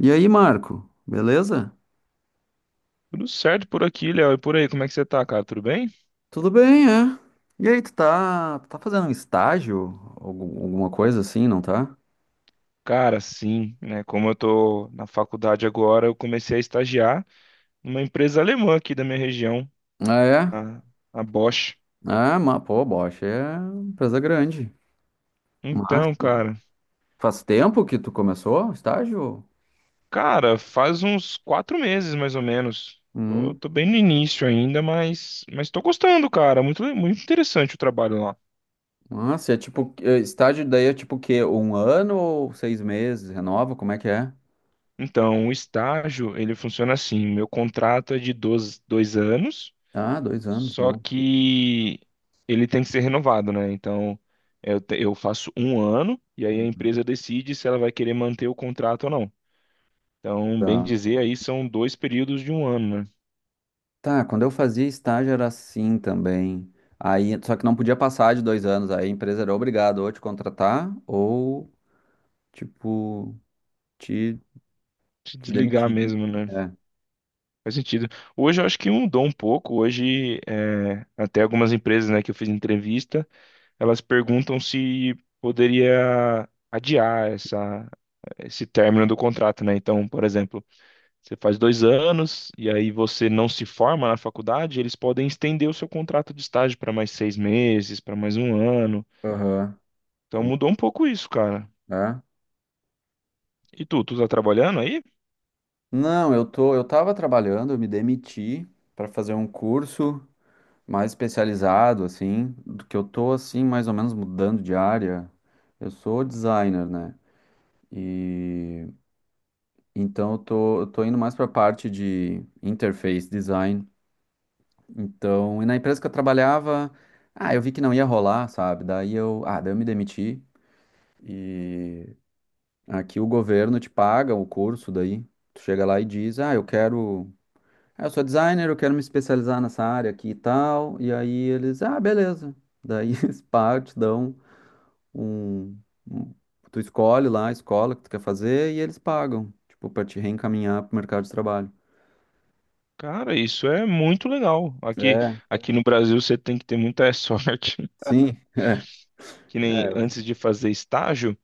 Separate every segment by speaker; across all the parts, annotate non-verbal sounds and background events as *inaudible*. Speaker 1: E aí, Marco, beleza?
Speaker 2: Tudo certo por aqui, Léo. E por aí, como é que você tá, cara? Tudo bem?
Speaker 1: Tudo bem, é? E aí, tu tá fazendo um estágio? Alguma coisa assim, não tá?
Speaker 2: Cara, sim, né? Como eu tô na faculdade agora, eu comecei a estagiar numa empresa alemã aqui da minha região,
Speaker 1: Ah, é?
Speaker 2: a, a Bosch.
Speaker 1: Ah, mas, pô, Bosch é empresa grande. Mas
Speaker 2: Então, cara,
Speaker 1: faz tempo que tu começou o estágio?
Speaker 2: cara, faz uns 4 meses mais ou menos. Tô,
Speaker 1: Hum.
Speaker 2: tô bem no início ainda, mas tô gostando, cara. Muito, muito interessante o trabalho lá.
Speaker 1: Nossa, é tipo, é, estágio daí é tipo o quê? Um ano ou 6 meses? Renova? Como é que é?
Speaker 2: Então, o estágio, ele funciona assim: meu contrato é de 12, 2 anos.
Speaker 1: Ah, 2 anos,
Speaker 2: Só
Speaker 1: bom.
Speaker 2: que ele tem que ser renovado, né? Então, eu faço um ano e aí a
Speaker 1: Uhum.
Speaker 2: empresa decide se ela vai querer manter o contrato ou não. Então, bem
Speaker 1: Tá.
Speaker 2: dizer, aí são dois períodos de um ano, né?
Speaker 1: Tá, quando eu fazia estágio era assim também. Aí, só que não podia passar de 2 anos. Aí a empresa era obrigada ou a te contratar ou, tipo, te,
Speaker 2: Se
Speaker 1: te
Speaker 2: desligar
Speaker 1: demitir.
Speaker 2: mesmo, né?
Speaker 1: É.
Speaker 2: Faz sentido. Hoje eu acho que mudou um pouco. Hoje, é, até algumas empresas, né, que eu fiz entrevista, elas perguntam se poderia adiar esse término do contrato, né? Então, por exemplo. Você faz 2 anos e aí você não se forma na faculdade, eles podem estender o seu contrato de estágio para mais 6 meses, para mais um ano.
Speaker 1: Aham.
Speaker 2: Então mudou um pouco isso, cara.
Speaker 1: É.
Speaker 2: E tu tá trabalhando aí?
Speaker 1: Não, eu tô, eu tava trabalhando, eu me demiti para fazer um curso mais especializado, assim, do que eu tô, assim, mais ou menos mudando de área. Eu sou designer, né? E então eu tô indo mais pra parte de interface design. Então, e na empresa que eu trabalhava, ah, eu vi que não ia rolar, sabe? Daí eu, ah, daí eu me demiti e aqui o governo te paga o curso daí. Tu chega lá e diz, ah, eu quero, ah, eu sou designer, eu quero me especializar nessa área aqui e tal. E aí eles, ah, beleza. Daí *laughs* eles pagam, te dão um, um- tu escolhe lá a escola que tu quer fazer e eles pagam, tipo, pra te reencaminhar pro mercado de trabalho.
Speaker 2: Cara, isso é muito legal. Aqui,
Speaker 1: É,
Speaker 2: aqui no Brasil você tem que ter muita *laughs* sorte.
Speaker 1: sim.
Speaker 2: Que nem
Speaker 1: É.
Speaker 2: antes de fazer estágio,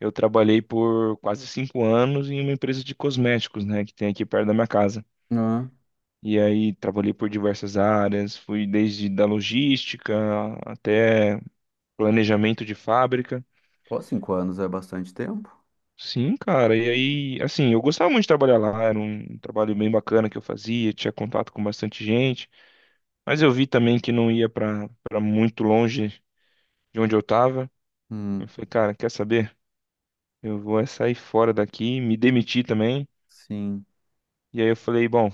Speaker 2: eu trabalhei por quase 5 anos em uma empresa de cosméticos, né, que tem aqui perto da minha casa.
Speaker 1: Ah,
Speaker 2: E aí trabalhei por diversas áreas, fui desde da logística até planejamento de fábrica.
Speaker 1: pô, 5 anos é bastante tempo.
Speaker 2: Sim, cara. E aí, assim, eu gostava muito de trabalhar lá, era um trabalho bem bacana que eu fazia, tinha contato com bastante gente, mas eu vi também que não ia para muito longe de onde eu tava. Eu
Speaker 1: Hum.
Speaker 2: falei, cara, quer saber? Eu vou é sair fora daqui, me demiti também.
Speaker 1: Sim.
Speaker 2: E aí eu falei, bom,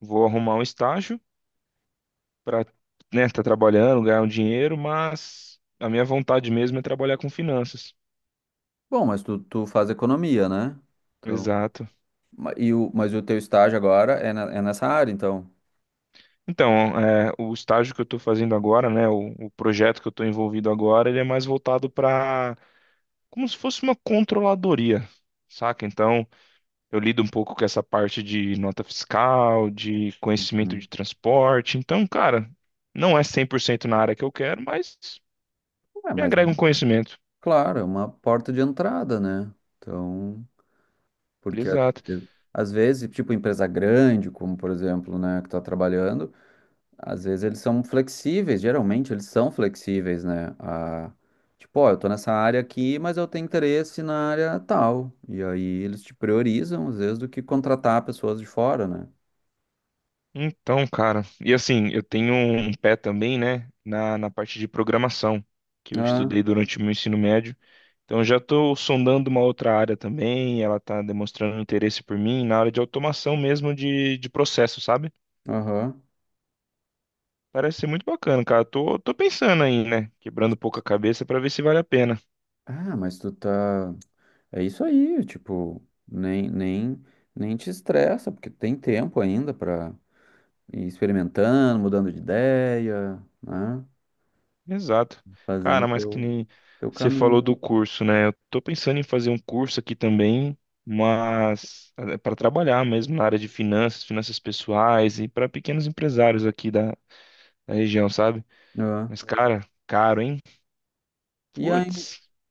Speaker 2: vou arrumar um estágio para, né, tá trabalhando, ganhar um dinheiro, mas a minha vontade mesmo é trabalhar com finanças.
Speaker 1: Bom, mas tu faz economia, né? Então,
Speaker 2: Exato.
Speaker 1: e o, mas o teu estágio agora é, é nessa área, então.
Speaker 2: Então, é, o estágio que eu estou fazendo agora, né, o projeto que eu estou envolvido agora, ele é mais voltado para como se fosse uma controladoria, saca? Então, eu lido um pouco com essa parte de nota fiscal, de conhecimento
Speaker 1: Uhum.
Speaker 2: de transporte. Então, cara, não é 100% na área que eu quero, mas
Speaker 1: É,
Speaker 2: me
Speaker 1: mas é
Speaker 2: agrega um
Speaker 1: uma-
Speaker 2: conhecimento.
Speaker 1: claro, é uma porta de entrada, né? Então, porque
Speaker 2: Exato.
Speaker 1: ve- às vezes, tipo, empresa grande, como por exemplo, né, que tá trabalhando, às vezes eles são flexíveis, geralmente eles são flexíveis, né? A, tipo, ó, eu tô nessa área aqui, mas eu tenho interesse na área tal. E aí eles te priorizam, às vezes, do que contratar pessoas de fora,
Speaker 2: Então, cara, e assim, eu tenho um pé também, né, na parte de programação, que eu
Speaker 1: né?
Speaker 2: estudei durante o meu ensino médio. Então já estou sondando uma outra área também, ela está demonstrando interesse por mim na área de automação mesmo de processo, sabe?
Speaker 1: Aham.
Speaker 2: Parece ser muito bacana, cara. Tô pensando aí, né? Quebrando um pouco a cabeça para ver se vale a pena.
Speaker 1: Ah, mas tu tá. É isso aí, tipo, nem te estressa, porque tem tempo ainda pra ir experimentando, mudando de ideia, né?
Speaker 2: Exato.
Speaker 1: Fazendo
Speaker 2: Cara, mas que
Speaker 1: teu,
Speaker 2: nem
Speaker 1: teu
Speaker 2: você
Speaker 1: caminho.
Speaker 2: falou do curso, né? Eu tô pensando em fazer um curso aqui também, mas para trabalhar mesmo na área de finanças, finanças pessoais e para pequenos empresários aqui da região, sabe?
Speaker 1: Ah.
Speaker 2: Mas, cara, caro, hein?
Speaker 1: E a,
Speaker 2: Putz.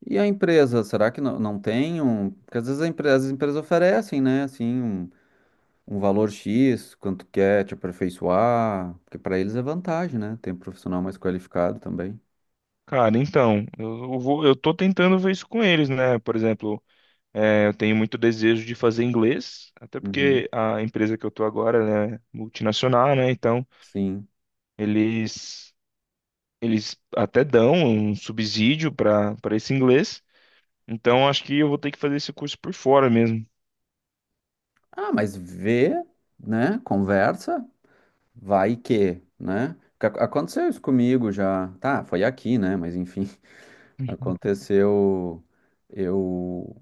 Speaker 1: e a empresa, será que não tem um. Porque às vezes a as empresas oferecem, né, assim, um valor X, quanto quer te aperfeiçoar, porque pra eles é vantagem, né? Tem um profissional mais qualificado também.
Speaker 2: Cara, então, eu tô tentando ver isso com eles, né? Por exemplo, é, eu tenho muito desejo de fazer inglês, até
Speaker 1: Uhum.
Speaker 2: porque a empresa que eu tô agora, ela é multinacional, né? Então,
Speaker 1: Sim.
Speaker 2: eles, eles até dão um subsídio para esse inglês. Então, acho que eu vou ter que fazer esse curso por fora mesmo.
Speaker 1: Ah, mas vê, né? Conversa, vai que, né? Porque aconteceu isso comigo já. Tá, foi aqui, né? Mas enfim, *laughs*
Speaker 2: *laughs*
Speaker 1: aconteceu. Eu.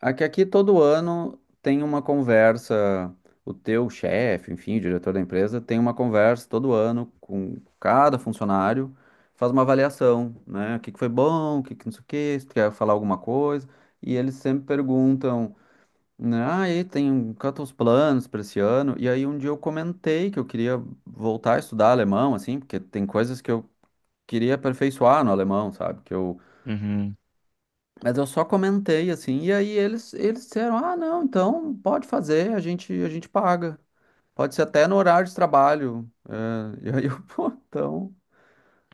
Speaker 1: Aqui todo ano tem uma conversa. O teu chefe, enfim, o diretor da empresa, tem uma conversa todo ano com cada funcionário, faz uma avaliação, né? O que que foi bom, o que que não sei o quê, se tu quer falar alguma coisa. E eles sempre perguntam né, aí tem tantos planos para esse ano. E aí um dia eu comentei que eu queria voltar a estudar alemão, assim, porque tem coisas que eu queria aperfeiçoar no alemão, sabe? Que eu...
Speaker 2: Uhum.
Speaker 1: Mas eu só comentei assim, e aí eles disseram, ah, não, então pode fazer, a gente paga. Pode ser até no horário de trabalho. É, *laughs* e aí eu, *laughs* pô, então.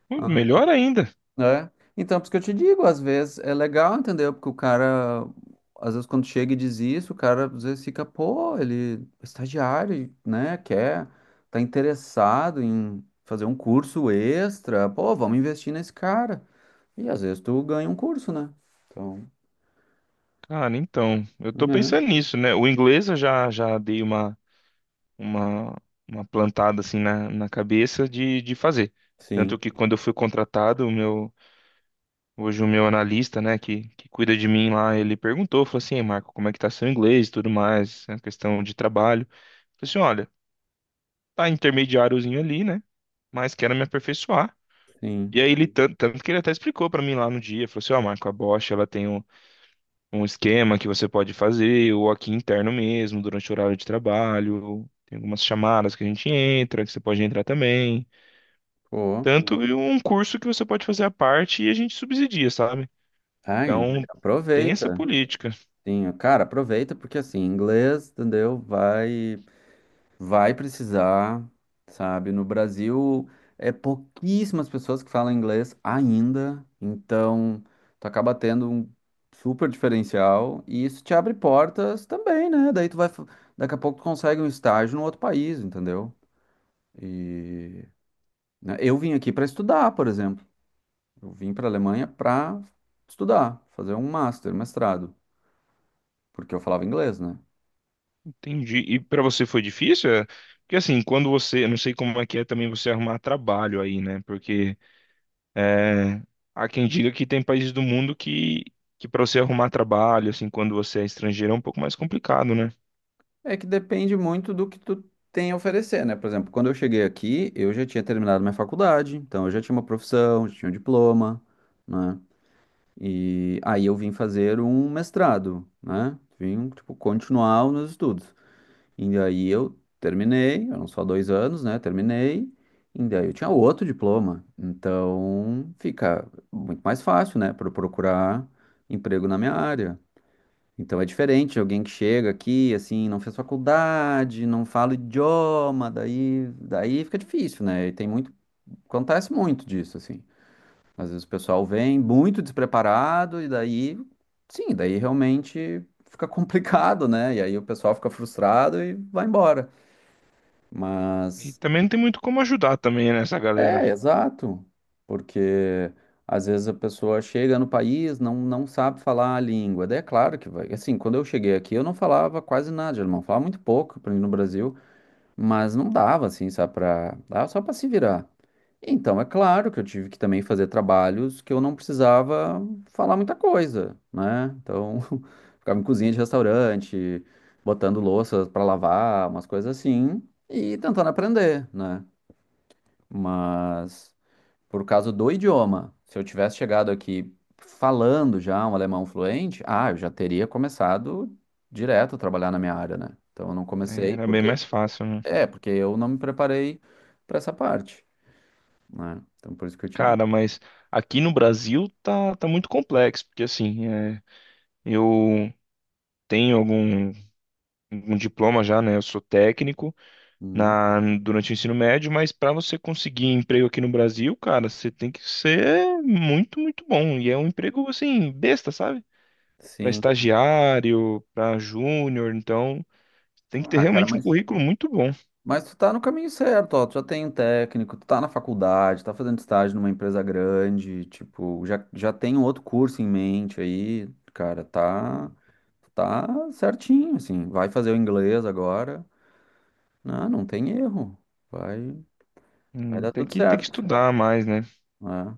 Speaker 2: Uhum. Melhor ainda.
Speaker 1: Né? Então, por isso que eu te digo, às vezes é legal, entendeu? Porque o cara, às vezes quando chega e diz isso, o cara às vezes fica, pô, ele é estagiário, né? Quer, tá interessado em fazer um curso extra, pô, vamos investir nesse cara. E às vezes tu ganha um curso, né? Então,
Speaker 2: Cara, então, eu tô
Speaker 1: né?
Speaker 2: pensando nisso, né? O inglês eu já dei uma, uma plantada assim na cabeça de fazer.
Speaker 1: Sim,
Speaker 2: Tanto que quando eu fui contratado, hoje o meu analista, né, que cuida de mim lá, ele perguntou, falou assim, "Ei, Marco, como é que tá seu inglês e tudo mais, a questão de trabalho. Falei assim, olha, tá intermediáriozinho ali, né, mas quero me aperfeiçoar.
Speaker 1: sim.
Speaker 2: E aí ele, tanto que ele até explicou pra mim lá no dia, falou assim, ó, Marco, a Bosch, ela tem um esquema que você pode fazer, ou aqui interno mesmo, durante o horário de trabalho, tem algumas chamadas que a gente entra, que você pode entrar também,
Speaker 1: Pô,
Speaker 2: tanto e um curso que você pode fazer à parte e a gente subsidia, sabe?
Speaker 1: ai,
Speaker 2: Então, tem essa
Speaker 1: aproveita.
Speaker 2: política.
Speaker 1: Sim, cara, aproveita porque assim, inglês, entendeu? Vai. Vai precisar, sabe? No Brasil, é pouquíssimas pessoas que falam inglês ainda, então tu acaba tendo um super diferencial e isso te abre portas também, né? Daí tu vai, daqui a pouco tu consegue um estágio no outro país, entendeu? E né, eu vim aqui para estudar, por exemplo. Eu vim para a Alemanha para estudar, fazer um master, mestrado, porque eu falava inglês, né?
Speaker 2: Entendi. E para você foi difícil? É? Porque assim, quando você, eu não sei como é que é também você arrumar trabalho aí, né? Porque é, há quem diga que tem países do mundo que para você arrumar trabalho, assim, quando você é estrangeiro é um pouco mais complicado, né?
Speaker 1: É que depende muito do que tu tem a oferecer, né? Por exemplo, quando eu cheguei aqui, eu já tinha terminado minha faculdade, então eu já tinha uma profissão, já tinha um diploma, né? E aí eu vim fazer um mestrado, né? Vim, tipo, continuar os meus estudos. E daí eu terminei, eram só 2 anos, né? Terminei, e daí eu tinha outro diploma. Então fica muito mais fácil, né? Para procurar emprego na minha área. Então é diferente, alguém que chega aqui, assim, não fez faculdade, não fala idioma, daí fica difícil, né? E tem muito, acontece muito disso, assim. Às vezes o pessoal vem muito despreparado e daí, sim, daí realmente fica *laughs* complicado, né? E aí o pessoal fica frustrado e vai embora.
Speaker 2: E
Speaker 1: Mas
Speaker 2: também não tem muito como ajudar também né, essa galera.
Speaker 1: é, exato. Porque às vezes a pessoa chega no país, não sabe falar a língua. Daí é claro que vai. Assim, quando eu cheguei aqui, eu não falava quase nada de alemão. Falava muito pouco, para mim no Brasil, mas não dava, assim, sabe, pra... Dava só para se virar. Então, é claro que eu tive que também fazer trabalhos que eu não precisava falar muita coisa, né? Então, *laughs* ficava em cozinha de restaurante, botando louças para lavar, umas coisas assim, e tentando aprender, né? Mas por causa do idioma. Se eu tivesse chegado aqui falando já um alemão fluente, ah, eu já teria começado direto a trabalhar na minha área, né? Então eu não
Speaker 2: Aí
Speaker 1: comecei
Speaker 2: era bem
Speaker 1: porque
Speaker 2: mais fácil, né?
Speaker 1: é, porque eu não me preparei para essa parte, né? Então por isso que eu te digo.
Speaker 2: Cara, mas aqui no Brasil tá muito complexo, porque assim, é, eu tenho algum diploma já, né? Eu sou técnico
Speaker 1: Uhum.
Speaker 2: durante o ensino médio, mas para você conseguir emprego aqui no Brasil, cara, você tem que ser muito, muito bom. E é um emprego, assim, besta, sabe? Para
Speaker 1: Sim.
Speaker 2: estagiário, para júnior, então tem que ter
Speaker 1: Ah, cara,
Speaker 2: realmente um
Speaker 1: mas
Speaker 2: currículo muito bom.
Speaker 1: Mas tu tá no caminho certo, ó. Tu já tem um técnico, tu tá na faculdade, tá fazendo estágio numa empresa grande, tipo, já tem um outro curso em mente aí, cara, tá, tá certinho, assim. Vai fazer o inglês agora. Não, não tem erro. Vai, vai dar
Speaker 2: Tem
Speaker 1: tudo
Speaker 2: que, tem que
Speaker 1: certo.
Speaker 2: estudar mais, né?
Speaker 1: Né?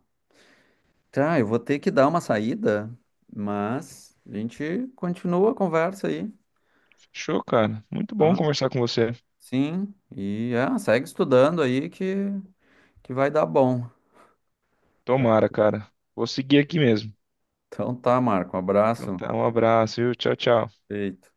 Speaker 1: Tá, eu vou ter que dar uma saída, mas a gente continua a conversa aí,
Speaker 2: Show, cara. Muito bom
Speaker 1: tá?
Speaker 2: conversar com você.
Speaker 1: Sim, e é, segue estudando aí que vai dar bom.
Speaker 2: Tomara, cara. Vou seguir aqui mesmo.
Speaker 1: Então tá, Marco. Um
Speaker 2: Então
Speaker 1: abraço.
Speaker 2: tá, um abraço, viu? Tchau, tchau.
Speaker 1: Feito.